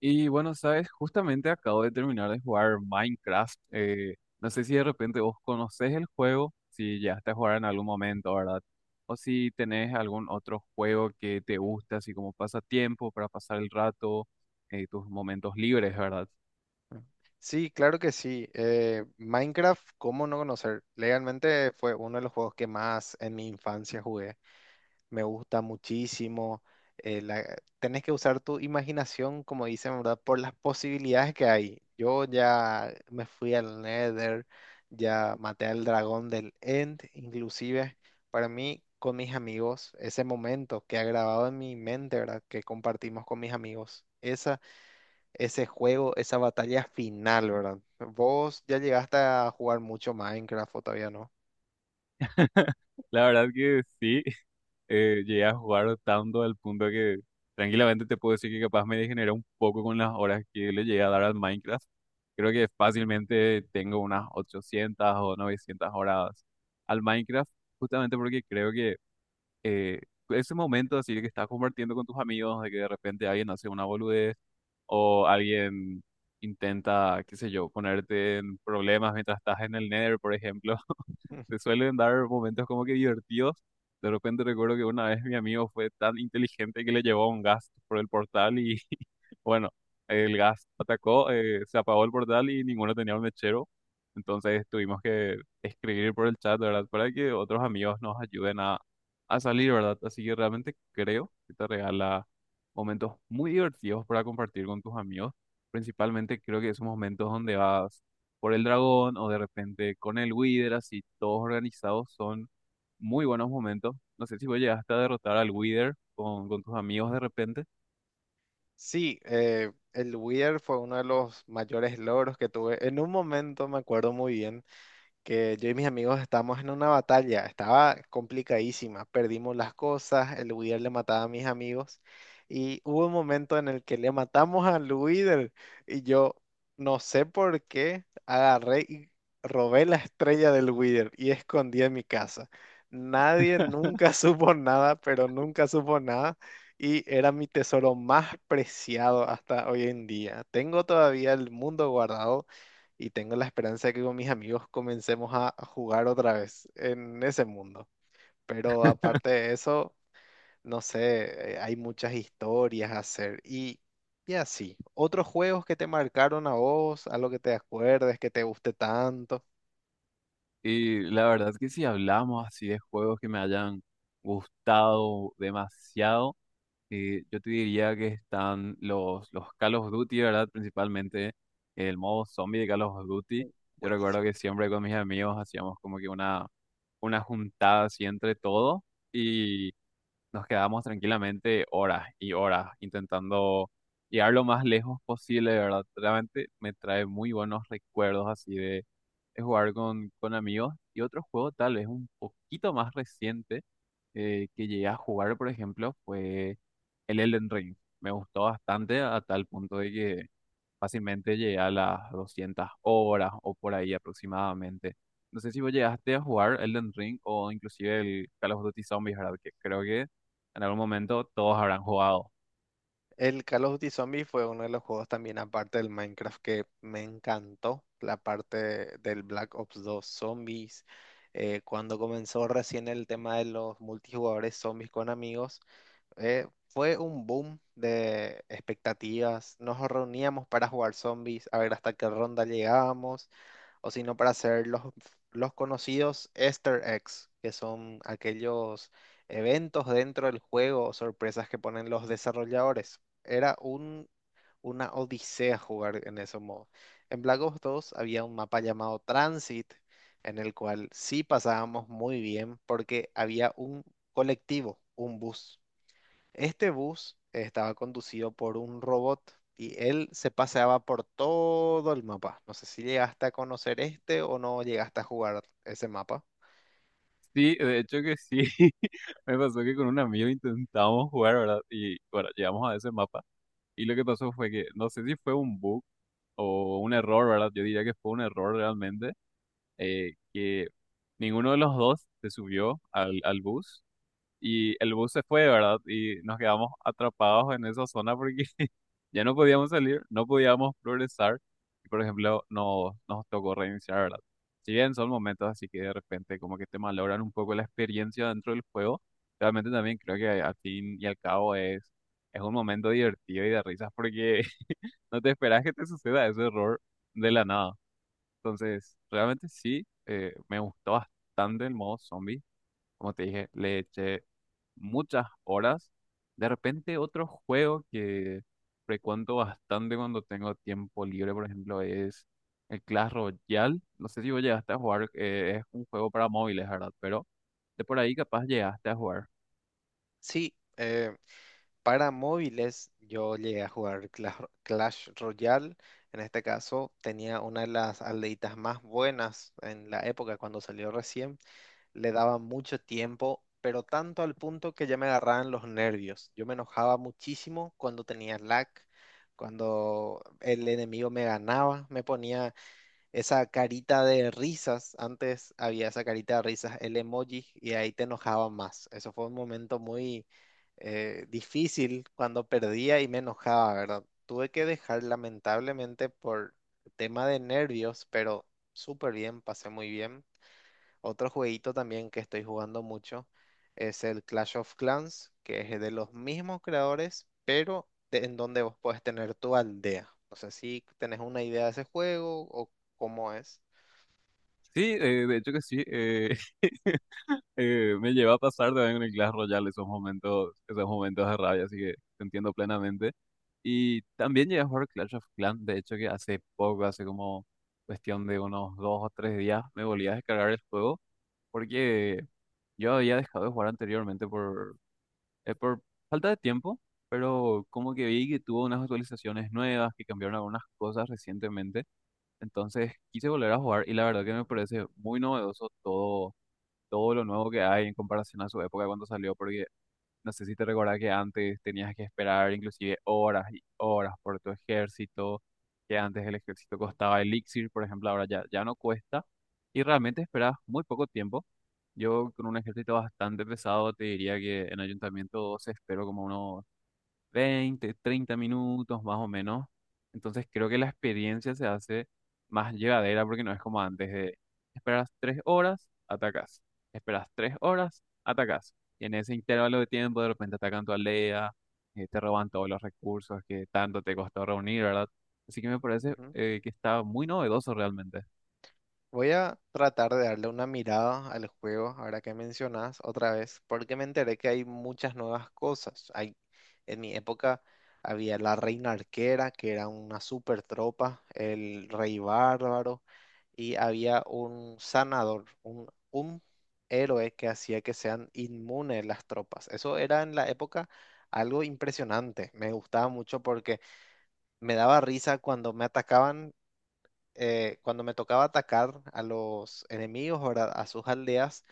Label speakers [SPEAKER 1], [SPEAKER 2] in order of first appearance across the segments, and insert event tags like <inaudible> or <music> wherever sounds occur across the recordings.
[SPEAKER 1] Y bueno, sabes, justamente acabo de terminar de jugar Minecraft. No sé si de repente vos conocés el juego, si llegaste a jugar en algún momento, ¿verdad? O si tenés algún otro juego que te guste, así como pasatiempo para pasar el rato, tus momentos libres, ¿verdad?
[SPEAKER 2] Sí, claro que sí. Minecraft, ¿cómo no conocer? Legalmente fue uno de los juegos que más en mi infancia jugué. Me gusta muchísimo. Eh, la- Tenés que usar tu imaginación, como dicen, ¿verdad? Por las posibilidades que hay. Yo ya me fui al Nether, ya maté al dragón del End, inclusive para mí, con mis amigos, ese momento que ha grabado en mi mente, ¿verdad? Que compartimos con mis amigos. Esa Ese juego, esa batalla final, ¿verdad? ¿Vos ya llegaste a jugar mucho Minecraft o todavía no?
[SPEAKER 1] <laughs> La verdad que sí. Llegué a jugar tanto al punto que tranquilamente te puedo decir que capaz me degeneré un poco con las horas que le llegué a dar al Minecraft. Creo que fácilmente tengo unas 800 o 900 horas al Minecraft, justamente porque creo que eh, ese momento así que estás compartiendo con tus amigos, de que de repente alguien hace una boludez o alguien intenta, qué sé yo, ponerte en problemas mientras estás en el Nether, por ejemplo. <laughs> Te
[SPEAKER 2] <laughs>
[SPEAKER 1] suelen dar momentos como que divertidos. De repente recuerdo que una vez mi amigo fue tan inteligente que le llevó un gas por el portal y <laughs> bueno, el gas atacó, se apagó el portal y ninguno tenía un mechero. Entonces tuvimos que escribir por el chat, ¿verdad? Para que otros amigos nos ayuden a salir, ¿verdad? Así que realmente creo que te regala momentos muy divertidos para compartir con tus amigos. Principalmente creo que esos momentos donde vas por el dragón o de repente con el Wither, así todos organizados son muy buenos momentos. No sé si vos llegaste a derrotar al Wither con tus amigos de repente.
[SPEAKER 2] Sí, el Wither fue uno de los mayores logros que tuve. En un momento me acuerdo muy bien, que yo y mis amigos estábamos en una batalla, estaba complicadísima, perdimos las cosas, el Wither le mataba a mis amigos y hubo un momento en el que le matamos al Wither y yo no sé por qué agarré y robé la estrella del Wither y escondí en mi casa. Nadie nunca <laughs> supo nada, pero nunca supo nada. Y era mi tesoro más preciado hasta hoy en día. Tengo todavía el mundo guardado y tengo la esperanza de que con mis amigos comencemos a jugar otra vez en ese mundo. Pero aparte de eso, no sé, hay muchas historias a hacer y así. ¿Otros juegos que te marcaron a vos, algo que te acuerdes, que te guste tanto?
[SPEAKER 1] Y la verdad que si hablamos así de juegos que me hayan gustado demasiado, yo te diría que están los Call of Duty, ¿verdad? Principalmente el modo zombie de Call of Duty.
[SPEAKER 2] Uh,
[SPEAKER 1] Yo recuerdo
[SPEAKER 2] buenísimo.
[SPEAKER 1] que siempre con mis amigos hacíamos como que una juntada así entre todos. Y nos quedamos tranquilamente horas y horas intentando llegar lo más lejos posible, de ¿verdad? Realmente me trae muy buenos recuerdos así de jugar con amigos y otro juego tal vez un poquito más reciente que llegué a jugar, por ejemplo, fue el Elden Ring. Me gustó bastante a tal punto de que fácilmente llegué a las 200 horas o por ahí aproximadamente. No sé si vos llegaste a jugar Elden Ring o inclusive el Call of Duty Zombies, ¿verdad? Que creo que en algún momento todos habrán jugado.
[SPEAKER 2] El Call of Duty Zombie fue uno de los juegos también, aparte del Minecraft, que me encantó. La parte del Black Ops 2 Zombies. Cuando comenzó recién el tema de los multijugadores zombies con amigos, fue un boom de expectativas. Nos reuníamos para jugar zombies, a ver hasta qué ronda llegábamos, o si no, para hacer los conocidos Easter eggs, que son aquellos eventos dentro del juego o sorpresas que ponen los desarrolladores. Era una odisea jugar en ese modo. En Black Ops 2 había un mapa llamado Transit, en el cual sí pasábamos muy bien porque había un colectivo, un bus. Este bus estaba conducido por un robot y él se paseaba por todo el mapa. No sé si llegaste a conocer este o no llegaste a jugar ese mapa.
[SPEAKER 1] Sí, de hecho que sí. <laughs> Me pasó que con un amigo intentamos jugar, ¿verdad? Y bueno, llegamos a ese mapa. Y lo que pasó fue que, no sé si fue un bug o un error, ¿verdad? Yo diría que fue un error realmente, que ninguno de los dos se subió al bus. Y el bus se fue, ¿verdad? Y nos quedamos atrapados en esa zona porque ya no podíamos salir, no podíamos progresar. Y por ejemplo, nos tocó reiniciar, ¿verdad? Si bien son momentos así que de repente como que te malogran un poco la experiencia dentro del juego, realmente también creo que al fin y al cabo es un momento divertido y de risas porque <laughs> no te esperas que te suceda ese error de la nada. Entonces, realmente sí, me gustó bastante el modo zombie como te dije, le eché muchas horas. De repente otro juego que frecuento bastante cuando tengo tiempo libre, por ejemplo, es el Clash Royale. No sé si vos llegaste a jugar, es un juego para móviles, ¿verdad? Pero de por ahí capaz llegaste a jugar.
[SPEAKER 2] Sí, para móviles, yo llegué a jugar Clash Royale. En este caso, tenía una de las aldeitas más buenas en la época cuando salió recién. Le daba mucho tiempo, pero tanto al punto que ya me agarraban los nervios. Yo me enojaba muchísimo cuando tenía lag, cuando el enemigo me ganaba, me ponía esa carita de risas. Antes había esa carita de risas, el emoji, y ahí te enojaba más. Eso fue un momento muy difícil cuando perdía y me enojaba, ¿verdad? Tuve que dejar lamentablemente por tema de nervios, pero súper bien, pasé muy bien. Otro jueguito también que estoy jugando mucho es el Clash of Clans, que es de los mismos creadores, pero en donde vos podés tener tu aldea. No sé si tenés una idea de ese juego o cómo es.
[SPEAKER 1] Sí, de hecho que sí. Me lleva a pasar también en el Clash Royale esos momentos de rabia, así que te entiendo plenamente. Y también llegué a jugar Clash of Clans, de hecho que hace poco, hace como cuestión de unos dos o tres días, me volví a descargar el juego porque yo había dejado de jugar anteriormente por falta de tiempo, pero como que vi que tuvo unas actualizaciones nuevas, que cambiaron algunas cosas recientemente, entonces quise volver a jugar y la verdad que me parece muy novedoso todo todo lo nuevo que hay en comparación a su época cuando salió, porque no sé si te recordás que antes tenías que esperar inclusive horas y horas por tu ejército, que antes el ejército costaba elixir, por ejemplo, ahora ya no cuesta, y realmente esperas muy poco tiempo. Yo con un ejército bastante pesado te diría que en Ayuntamiento 2 espero como unos 20, 30 minutos más o menos. Entonces creo que la experiencia se hace más llevadera porque no es como antes de esperas 3 horas, atacas. Esperas 3 horas, atacas. Y en ese intervalo de tiempo de repente atacan tu aldea, te roban todos los recursos que tanto te costó reunir, ¿verdad? Así que me parece que está muy novedoso realmente.
[SPEAKER 2] Voy a tratar de darle una mirada al juego, ahora que mencionas otra vez, porque me enteré que hay muchas nuevas cosas. Hay, en mi época había la reina arquera, que era una super tropa, el rey bárbaro, y había un sanador, un héroe que hacía que sean inmunes las tropas. Eso era en la época algo impresionante. Me gustaba mucho porque me daba risa cuando me atacaban, cuando me tocaba atacar a los enemigos, ¿verdad? A sus aldeas,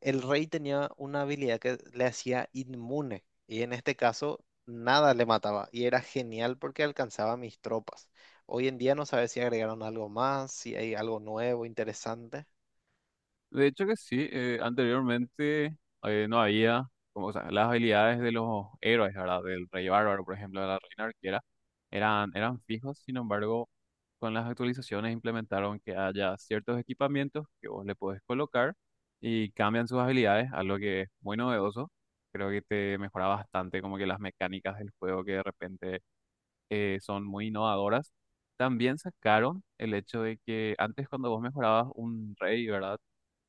[SPEAKER 2] el rey tenía una habilidad que le hacía inmune. Y en este caso, nada le mataba. Y era genial porque alcanzaba a mis tropas. Hoy en día no sabes si agregaron algo más, si hay algo nuevo, interesante.
[SPEAKER 1] De hecho que sí, anteriormente no había como, o sea, las habilidades de los héroes, ¿verdad? Del rey bárbaro, por ejemplo, de la reina arquera, eran fijos, sin embargo, con las actualizaciones implementaron que haya ciertos equipamientos que vos le podés colocar y cambian sus habilidades, algo que es muy novedoso. Creo que te mejora bastante como que las mecánicas del juego que de repente son muy innovadoras. También sacaron el hecho de que antes cuando vos mejorabas un rey, ¿verdad?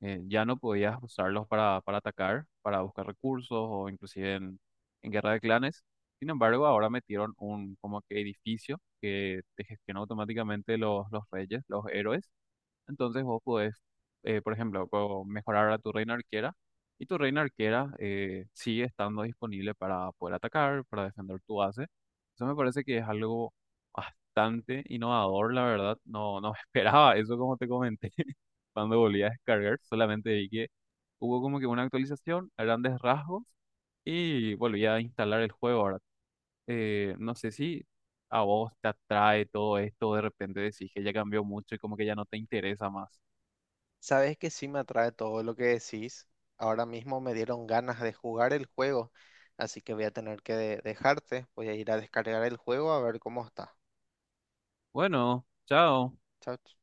[SPEAKER 1] Ya no podías usarlos para atacar, para buscar recursos o inclusive en guerra de clanes. Sin embargo, ahora metieron un como que edificio que te gestiona automáticamente los reyes, los héroes. Entonces vos podés, por ejemplo, puedo mejorar a tu reina arquera y tu reina arquera sigue estando disponible para poder atacar, para defender tu base. Eso me parece que es algo bastante innovador, la verdad. No, <laughs> esperaba eso como te comenté <laughs> cuando volví a descargar. Solamente vi que hubo como que una actualización a grandes rasgos y volví a instalar el juego ahora. No sé si a vos te atrae todo esto, de repente decís que ya cambió mucho y como que ya no te interesa más.
[SPEAKER 2] Sabes que sí me atrae todo lo que decís. Ahora mismo me dieron ganas de jugar el juego. Así que voy a tener que dejarte. Voy a ir a descargar el juego a ver cómo está.
[SPEAKER 1] Bueno, chao.
[SPEAKER 2] Chao.